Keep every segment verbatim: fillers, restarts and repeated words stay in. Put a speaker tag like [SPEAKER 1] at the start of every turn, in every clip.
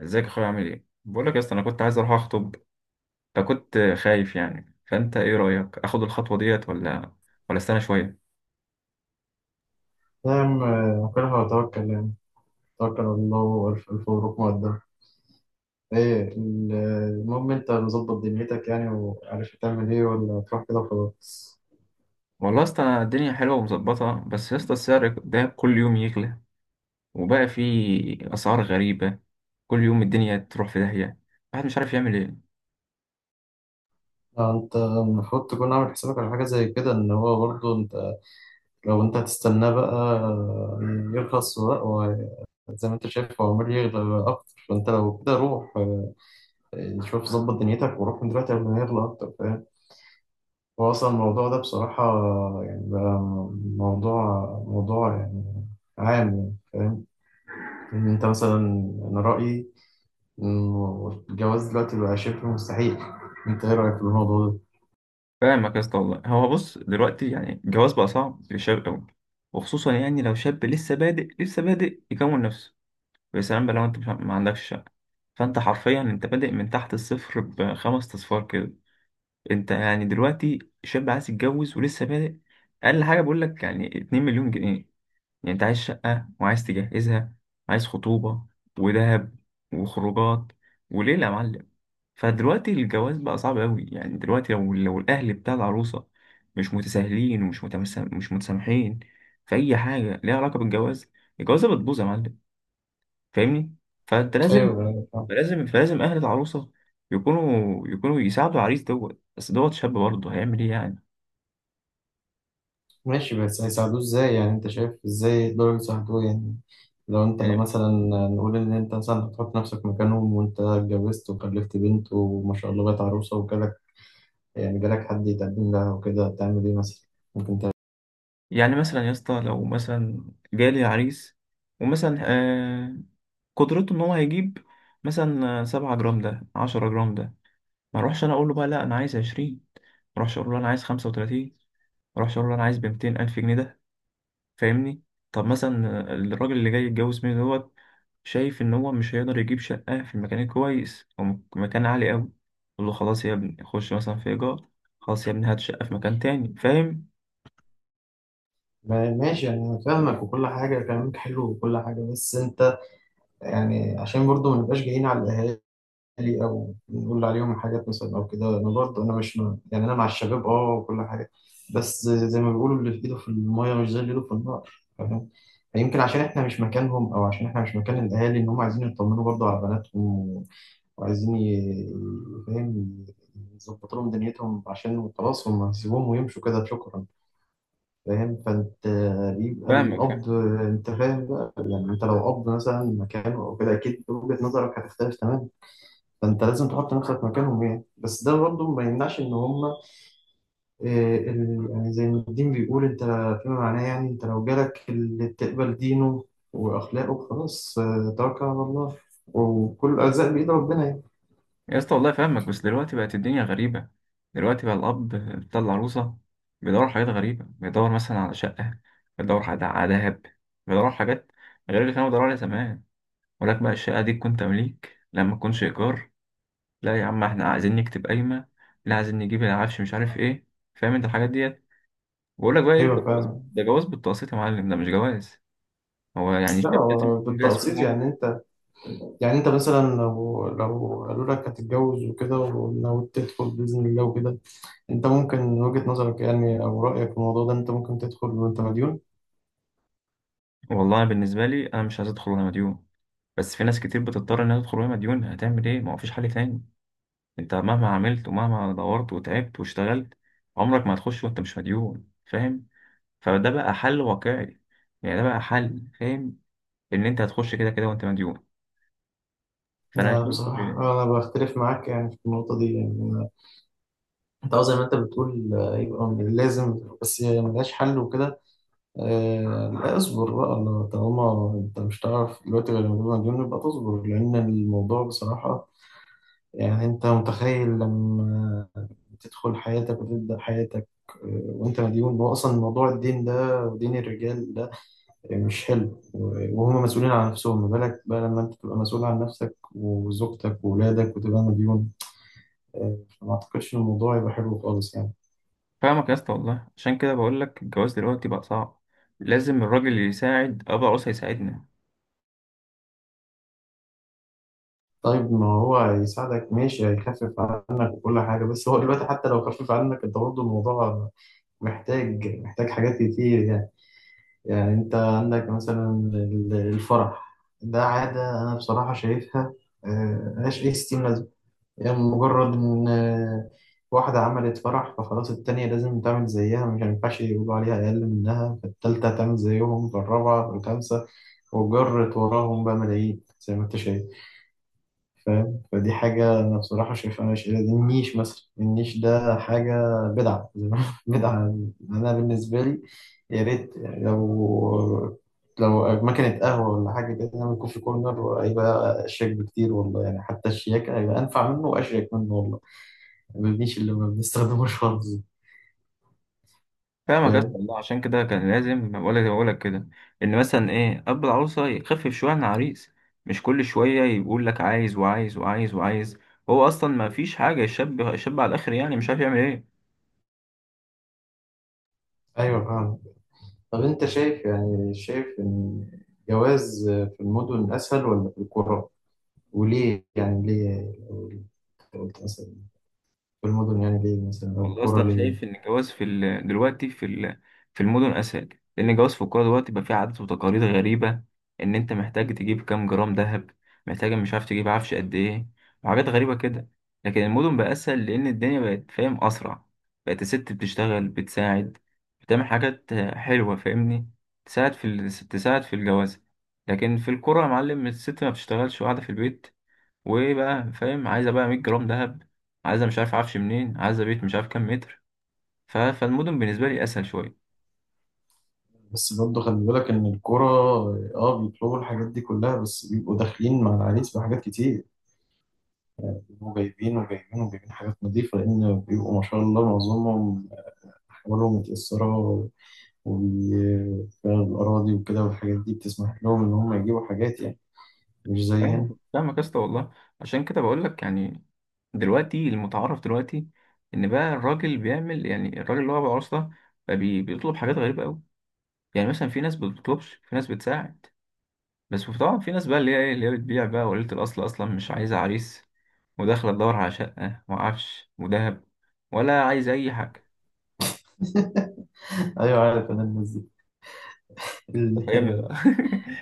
[SPEAKER 1] ازيك يا اخويا، عامل ايه؟ بقول لك يا اسطى، انا كنت عايز اروح اخطب. فكنت خايف يعني، فانت ايه رايك، اخد الخطوه ديت ولا ولا استنى شويه؟
[SPEAKER 2] نعم، آه، كلها وتوكل يعني. توكل على الله وألف ألف مبروك مقدم. إيه ال- المهم أنت مظبط دنيتك يعني وعارف تعمل إيه، ولا تروح كده وخلاص؟
[SPEAKER 1] والله يا اسطى، أنا الدنيا حلوه ومظبطه. بس يا اسطى، السعر ده كل يوم يغلى، وبقى في اسعار غريبه. كل يوم الدنيا تروح في داهيه، الواحد مش عارف يعمل ايه.
[SPEAKER 2] آه، أنت المفروض تكون عامل حسابك على حاجة زي كده، إن هو برضه أنت لو أنت هتستناه بقى آه، يرخص بقى وه- زي ما أنت شايف هو عمال يغلى أكتر. فأنت لو كده روح، آه، شوف ظبط دنيتك وروح من دلوقتي قبل ما يغلى أكتر، فاهم؟ هو أصلا الموضوع ده بصراحة يعني بقى موضوع موضوع يعني عام، يعني فاهم؟ إن أنت مثلا، أنا رأيي إنه الجواز دلوقتي بقى شبه مستحيل. أنت إيه رأيك في الموضوع ده؟
[SPEAKER 1] فاهمك يا اسطى والله. هو بص دلوقتي، يعني الجواز بقى صعب للشباب قوي، وخصوصا يعني لو شاب لسه بادئ لسه بادئ يكون نفسه. يا سلام بقى، لو انت مش- ما عندكش. فانت حرفيا انت بادئ من تحت الصفر بخمس اصفار كده. انت يعني دلوقتي شاب عايز يتجوز ولسه بادئ. اقل حاجه بقول لك يعني اتنين مليون جنيه مليون جنيه. يعني انت عايز شقه وعايز تجهزها، عايز خطوبه ودهب وخروجات وليله يا معلم. فدلوقتي الجواز بقى صعب قوي. يعني دلوقتي لو لو الاهل بتاع العروسه مش متساهلين ومش متمسا- مش متسامحين في اي حاجه ليها علاقه بالجواز، الجوازه بتبوظ يا معلم. فاهمني؟ فانت لازم.
[SPEAKER 2] ايوه، أيوة، فاهم.
[SPEAKER 1] فلازم فلازم اهل العروسه يكونوا يكونوا يساعدوا العريس دوت. بس دوت شاب برضه هيعمل ايه يعني
[SPEAKER 2] ماشي، بس هيساعدوه إزاي يعني؟ أنت شايف إزاي يقدروا يساعدوه يعني؟ لو أنت
[SPEAKER 1] يعني
[SPEAKER 2] مثلا، نقول إن أنت مثلا هتحط نفسك مكانهم، وأنت اتجوزت وخلفت بنت وما شاء الله بقت عروسة وجالك، يعني جالك حد يتقدم لها وكده، هتعمل إيه مثلا؟ ممكن تعمل
[SPEAKER 1] يعني مثلا يا اسطى، لو مثلا جالي عريس، ومثلا آه قدرته ان هو هيجيب مثلا سبعة جرام ده، عشرة جرام ده، ما اروحش انا اقول له بقى لا انا عايز عشرين، ما اروحش اقول له انا عايز خمسة وتلاتين، ما اروحش اقول له انا عايز بمتين الف جنيه ده. فاهمني؟ طب مثلا الراجل اللي جاي يتجوز مني دوت، شايف ان هو مش هيقدر يجيب شقه في المكان الكويس او م- مكان عالي قوي، يقول له خلاص يا ابني خش مثلا في ايجار، خلاص يا ابني هات شقه في مكان تاني. فاهم؟
[SPEAKER 2] ما- ماشي، انا فاهمك وكل حاجه، كلامك حلو وكل حاجه، بس انت يعني عشان برضو ما نبقاش جايين على الاهالي او نقول عليهم حاجات مثلا او كده. انا برضو انا مش م- يعني انا مع الشباب اه وكل حاجه، بس زي ما بيقولوا اللي في ايده في الميه مش زي اللي ايده في النار، فاهم؟ يمكن عشان احنا مش مكانهم، او عشان احنا مش مكان الاهالي، ان هم عايزين يطمنوا برضو على بناتهم وعايزين ي- فاهم، يظبطوا لهم دنيتهم، عشان خلاص هم هيسيبوهم ويمشوا كده شكرا، فاهم؟ فانت بيبقى
[SPEAKER 1] فاهمك فاهم
[SPEAKER 2] القبض، انت فاهم بقى يعني، انت لو قبض مثلا مكانه او كده، اكيد وجهة نظرك هتختلف تماما. فانت لازم تحط نفسك مكانهم يعني، بس ده برضه ما يمنعش ان هم يعني زي ما الدين بيقول، انت فيما معناه يعني، انت لو جالك اللي تقبل دينه واخلاقه، خلاص، آه، توكل على الله، وكل الارزاق بايد ربنا يعني.
[SPEAKER 1] يا اسطى والله، فاهمك. بس دلوقتي بقت الدنيا غريبه. دلوقتي بقى الاب بتاع العروسه بيدور على حاجات غريبه، بيدور مثلا على شقه، بيدور على على دهب، بيدور على حاجات غير اللي كانوا بيدوروا عليها زمان. ولك بقى الشقه دي تكون تمليك لما تكونش ايجار، لا يا عم احنا عايزين نكتب قايمة، لا عايزين نجيب العفش مش عارف ايه. فاهم؟ انت الحاجات ديت، بقول لك بقى ايه ده؟
[SPEAKER 2] ايوه
[SPEAKER 1] جواز؟
[SPEAKER 2] فاهم.
[SPEAKER 1] ده جواز بالتقسيط يا معلم، ده مش جواز. هو يعني
[SPEAKER 2] لا
[SPEAKER 1] الشاب لازم
[SPEAKER 2] هو
[SPEAKER 1] يكون جاهز في كل
[SPEAKER 2] بالتقسيط
[SPEAKER 1] حاجة؟
[SPEAKER 2] يعني انت، يعني انت مثلا لو لو قالوا لك هتتجوز وكده، وناوي تدخل بإذن الله وكده، انت ممكن من وجهة نظرك يعني او رأيك في الموضوع ده، انت ممكن تدخل وانت مديون؟
[SPEAKER 1] والله بالنسبة لي، انا مش عايز ادخل وانا مديون. بس في ناس كتير بتضطر انها تدخل وهي مديون، هتعمل ايه؟ ما هو فيش حل تاني. انت مهما عملت ومهما دورت وتعبت واشتغلت، عمرك ما هتخش وانت مش مديون. فاهم؟ فده بقى حل واقعي، يعني ده بقى حل. فاهم؟ ان انت هتخش كده كده وانت مديون. فانا
[SPEAKER 2] انا
[SPEAKER 1] شايف.
[SPEAKER 2] بصراحة انا بختلف معاك يعني في النقطة دي يعني. انت اه زي ما انت بتقول آه، يبقى من لازم بس هي ملهاش حل وكده، آه، لا اصبر بقى. لو طالما انت مش هتعرف دلوقتي غير لما تبقى مديون، يبقى تصبر، لان الموضوع بصراحة يعني، انت متخيل لما تدخل حياتك وتبدأ حياتك آه، وانت مديون؟ هو اصلا موضوع الدين ده ودين الرجال ده مش حلو، وهم مسؤولين عن نفسهم، ما بالك بقى لما انت تبقى مسؤول عن نفسك وزوجتك وولادك وتبقى مديون؟ آه، فما اعتقدش ان الموضوع يبقى حلو خالص يعني.
[SPEAKER 1] فاهمك يا اسطى والله، عشان كده بقول لك الجواز دلوقتي بقى صعب، لازم الراجل اللي يساعد ابو العروسه يساعدنا.
[SPEAKER 2] طيب ما هو هيساعدك، ماشي، هيخفف عنك وكل حاجة، بس هو دلوقتي حتى لو خفف عنك انت برضه الموضوع محتاج محتاج حاجات كتير يعني. يعني انت عندك مثلا ال- الفرح ده عادة انا بصراحة شايفها آه، ملهاش اي ستين لازمة. يعني مجرد ان آه، واحدة عملت فرح فخلاص التانية لازم تعمل زيها، مش هينفعش يقولوا عليها اقل منها، فالتالتة هتعمل زيهم، فالرابعة، فالخامسة، وجرت وراهم بقى ملايين زي ما انت شايف، فاهم؟ فدي حاجة أنا بصراحة شايفها مش دي. النيش مثلا، النيش ده حاجة بدعة، زي ما- بدعة. أنا بالنسبة لي، يا ريت يعني لو، لو مكنة قهوة ولا حاجة كده نعمل كوفي كورنر، هيبقى أشيك بكتير والله يعني، حتى الشياكة هيبقى أنفع منه وأشيك منه والله، ما النيش اللي ما بنستخدموش خالص ده.
[SPEAKER 1] فاهمك يا اسطى
[SPEAKER 2] فاهم.
[SPEAKER 1] والله، عشان كده كان لازم بقول لك بقول لك كده. ان مثلا ايه اب العروسه يخفف شويه عن العريس، مش كل شويه يقول لك عايز وعايز وعايز وعايز. هو اصلا ما فيش حاجه، الشاب الشاب على الاخر يعني، مش عارف يعمل ايه.
[SPEAKER 2] أيوة فاهم. طب أنت شايف يعني، شايف إن جواز في المدن أسهل ولا في القرى؟ وليه يعني؟ ليه لو قلت مثلا المدن يعني، ليه مثلا، او
[SPEAKER 1] والله
[SPEAKER 2] الكرة
[SPEAKER 1] اصلا
[SPEAKER 2] ليه؟
[SPEAKER 1] شايف ان الجواز في ال... دلوقتي في ال... في المدن اسهل. لان الجواز في القرى دلوقتي بقى فيه عادات وتقاليد غريبه. ان انت محتاج تجيب كام جرام ذهب، محتاج مش عارف تجيب عفش قد ايه، وحاجات غريبه كده. لكن المدن بقى اسهل، لان الدنيا بقت فاهم اسرع. بقت الست بتشتغل بتساعد، بتعمل حاجات حلوه. فاهمني؟ تساعد في ال... تساعد في الجواز. لكن في القرى يا معلم الست ما بتشتغلش وقاعده في البيت، وايه بقى؟ فاهم؟ عايزه بقى مية جرام ذهب جرام ذهب، عايزه مش عارف عفش منين، عايزه بيت مش عارف كام متر. ف... فالمدن بالنسبه لي اسهل شويه.
[SPEAKER 2] بس برضه خلي بالك ان الكرة اه بيطلبوا الحاجات دي كلها، بس بيبقوا داخلين مع العريس بحاجات كتير. بيبقوا جايبين وجايبين وجايبين حاجات نظيفة، لان بيبقوا ما شاء الله معظمهم احوالهم متأثرة، والأراضي وكده والحاجات دي بتسمح لهم إن هم يجيبوا حاجات يعني، مش زي
[SPEAKER 1] فاهم؟
[SPEAKER 2] هنا.
[SPEAKER 1] فاهمك يا اسطى والله، عشان كده بقول لك يعني دلوقتي المتعارف دلوقتي، ان بقى الراجل بيعمل يعني الراجل اللي هو ابو عروسه ده بقى بي... بيطلب حاجات غريبه قوي. يعني مثلا في ناس بتطلبش، في ناس بتساعد. بس طبعا في ناس بقى اللي هي ايه، اللي هي بتبيع بقى وليله، الاصل اصلا مش عايزه عريس، وداخله تدور على شقه وعفش وذهب، ولا عايزه اي حاجه.
[SPEAKER 2] أيوة عارف أنا الناس دي.
[SPEAKER 1] فاهمني
[SPEAKER 2] ال-
[SPEAKER 1] بقى.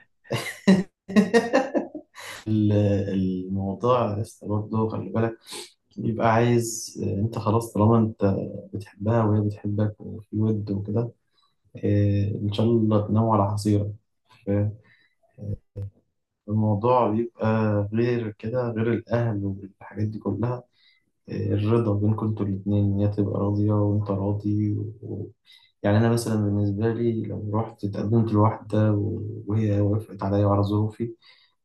[SPEAKER 2] ال- الموضوع لسه برضه خلي بالك، يبقى عايز آه، انت خلاص طالما انت بتحبها وهي بتحبك وفي ود وكده، آه، ان شاء الله تناموا على حصيرة. الموضوع بيبقى غير كده، غير الأهل والحاجات دي كلها، آه، الرضا بينكم انتوا الاتنين، إن هي تبقى راضية وأنت راضي و... يعني أنا مثلا بالنسبة لي، لو رحت اتقدمت لواحدة و- وهي وافقت عليا وعلى ظروفي،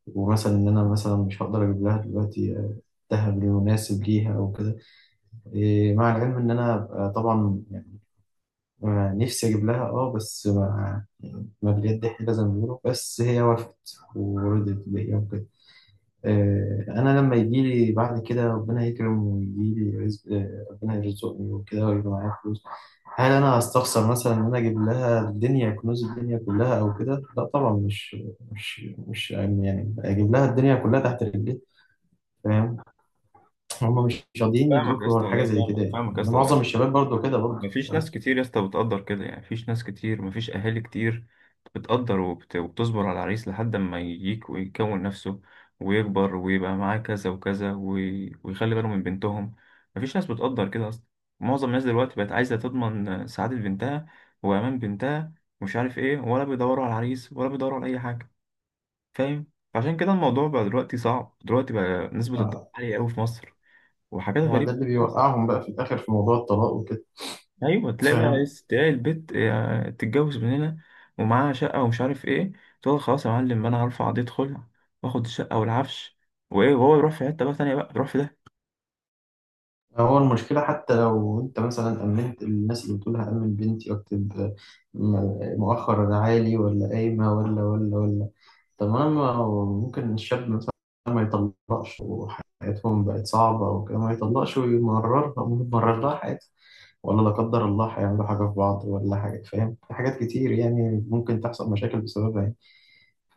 [SPEAKER 2] ومثلا إن أنا مثلا مش هقدر أجيب لها دلوقتي آه، الذهب المناسب ليها أو كده، إيه، مع العلم ان انا آه، طبعا يعني آه، نفسي اجيب لها اه، بس ما يعني ما باليد حيلة زي ما بيقولوا، بس هي وافقت ورضيت بيا وكده، آه، انا لما يجي لي بعد كده ربنا يكرم ويجي لي رزق، آه، ربنا يرزقني وكده ويبقى معايا فلوس، هل انا هستخسر مثلا ان انا اجيب لها الدنيا، كنوز الدنيا كلها او كده؟ لا طبعا، مش مش مش يعني اجيب لها الدنيا كلها تحت رجلي، فاهم؟ هم مش راضيين
[SPEAKER 1] فاهمك يا
[SPEAKER 2] يدركوا
[SPEAKER 1] اسطى
[SPEAKER 2] حاجه
[SPEAKER 1] والله،
[SPEAKER 2] زي كده
[SPEAKER 1] فاهمك
[SPEAKER 2] يعني،
[SPEAKER 1] فاهمك يا اسطى والله.
[SPEAKER 2] معظم
[SPEAKER 1] بس
[SPEAKER 2] الشباب برضو كده برضو.
[SPEAKER 1] مفيش ناس كتير يا اسطى بتقدر كده، يعني مفيش ناس كتير، مفيش اهالي كتير بتقدر وبت... وبتصبر على العريس لحد ما يجيك ويكون نفسه، ويكبر ويبقى معاه كذا وكذا، وي... ويخلي باله من بنتهم. مفيش ناس بتقدر كده اصلا. معظم الناس دلوقتي بقت عايزه تضمن سعاده بنتها وامان بنتها ومش عارف ايه، ولا بيدوروا على العريس ولا بيدوروا على اي حاجه. فاهم؟ عشان كده الموضوع بقى دلوقتي صعب، دلوقتي بقى نسبه الطلاق
[SPEAKER 2] آه،
[SPEAKER 1] عاليه قوي في مصر، وحاجات
[SPEAKER 2] هو ده اللي
[SPEAKER 1] غريبه.
[SPEAKER 2] بيوقعهم بقى في الآخر في موضوع الطلاق وكده،
[SPEAKER 1] ايوه، تلاقي بقى إيه،
[SPEAKER 2] فاهم؟
[SPEAKER 1] تلاقي البت آه، تتجوز من هنا، ومعاها شقه ومش عارف ايه، تقول خلاص يا معلم انا هرفع قضيه خلع، واخد الشقه والعفش وايه، وهو يروح في حته بقى تانيه، بقى يروح في.
[SPEAKER 2] هو المشكلة حتى لو أنت مثلا أمنت الناس، اللي بتقول هأمن بنتي وأكتب م- مؤخر عالي ولا قايمة ولا ولا ولا، طب ما ما هو ممكن الشاب مثلا ما يطلقش وحياتهم بقت صعبة وكده، ما يطلقش ويمررها ويمرر لها حياتها، ولا لا قدر الله هيعملوا حاجة في بعض ولا حاجة، فاهم؟ في حاجات كتير يعني ممكن تحصل مشاكل بسببها.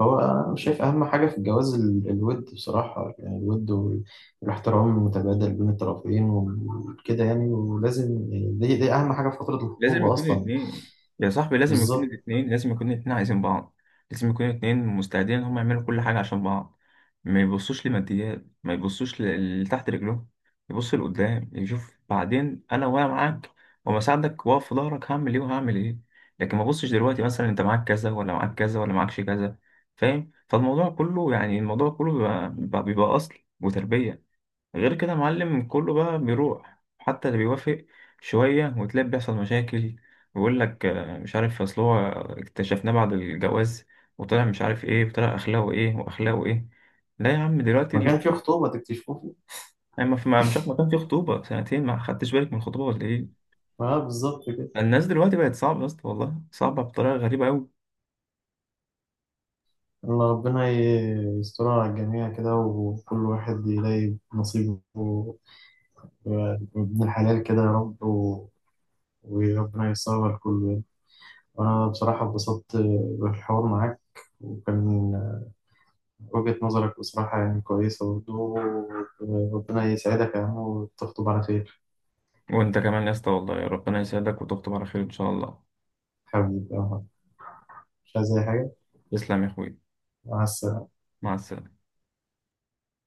[SPEAKER 2] هو أنا شايف أهم حاجة في الجواز ال- الود بصراحة يعني، الود وال- والاحترام المتبادل بين الطرفين وكده يعني، ولازم يعني، دي, دي أهم حاجة في فترة
[SPEAKER 1] لازم
[SPEAKER 2] الخطوبة
[SPEAKER 1] يكون
[SPEAKER 2] أصلا.
[SPEAKER 1] الاثنين يا صاحبي، لازم يكون
[SPEAKER 2] بالظبط.
[SPEAKER 1] الاثنين لازم يكون الاثنين عايزين بعض. لازم يكون الاثنين مستعدين ان هم يعملوا كل حاجة عشان بعض. ما يبصوش لماديات، ما يبصوش ل- لتحت رجلهم. يبص لقدام يشوف بعدين، انا وانا معاك وما ساعدك واقف في ظهرك، هعمل ايه وهعمل ايه. لكن ما بصش دلوقتي مثلا انت معاك كذا، ولا معاك كذا، ولا معكش كذا. فاهم؟ فالموضوع كله يعني، الموضوع كله بيبقى, بيبقى اصل وتربية. غير كده يا معلم كله بقى بيروح، حتى اللي بيوافق شوية وتلاقي بيحصل مشاكل، ويقول لك آه، مش عارف، أصل هو اكتشفناه بعد الجواز، وطلع مش عارف إيه، وطلع أخلاقه إيه وأخلاقه إيه. لا يا عم، دلوقتي
[SPEAKER 2] ما كان
[SPEAKER 1] ال-
[SPEAKER 2] في خطوبة تكتشفوه.
[SPEAKER 1] أما في ما- مش عارف، ما كان في خطوبة سنتين؟ ما خدتش بالك من الخطوبة ولا إيه؟
[SPEAKER 2] اه بالظبط كده.
[SPEAKER 1] الناس دلوقتي بقت صعبة يا اسطى والله، صعبة بطريقة غريبة أوي.
[SPEAKER 2] الله ربنا ي- يسترها على الجميع كده، وكل واحد يلاقي نصيبه من الحلال كده يا رب، و- وربنا ييسرها لكله يعني. وأنا بصراحة اتبسطت بالحوار معاك، وكان وجهة نظرك بصراحة يعني كويسة برضه. ربنا يسعدك يا عم وتخطب على خير.
[SPEAKER 1] وأنت كمان يا اسطى والله، ربنا يسعدك وتخطب على خير إن شاء الله.
[SPEAKER 2] حبيبي يا عم، مش عايز أي حاجة.
[SPEAKER 1] تسلم يا أخوي.
[SPEAKER 2] مع السلامة.
[SPEAKER 1] مع السلامة.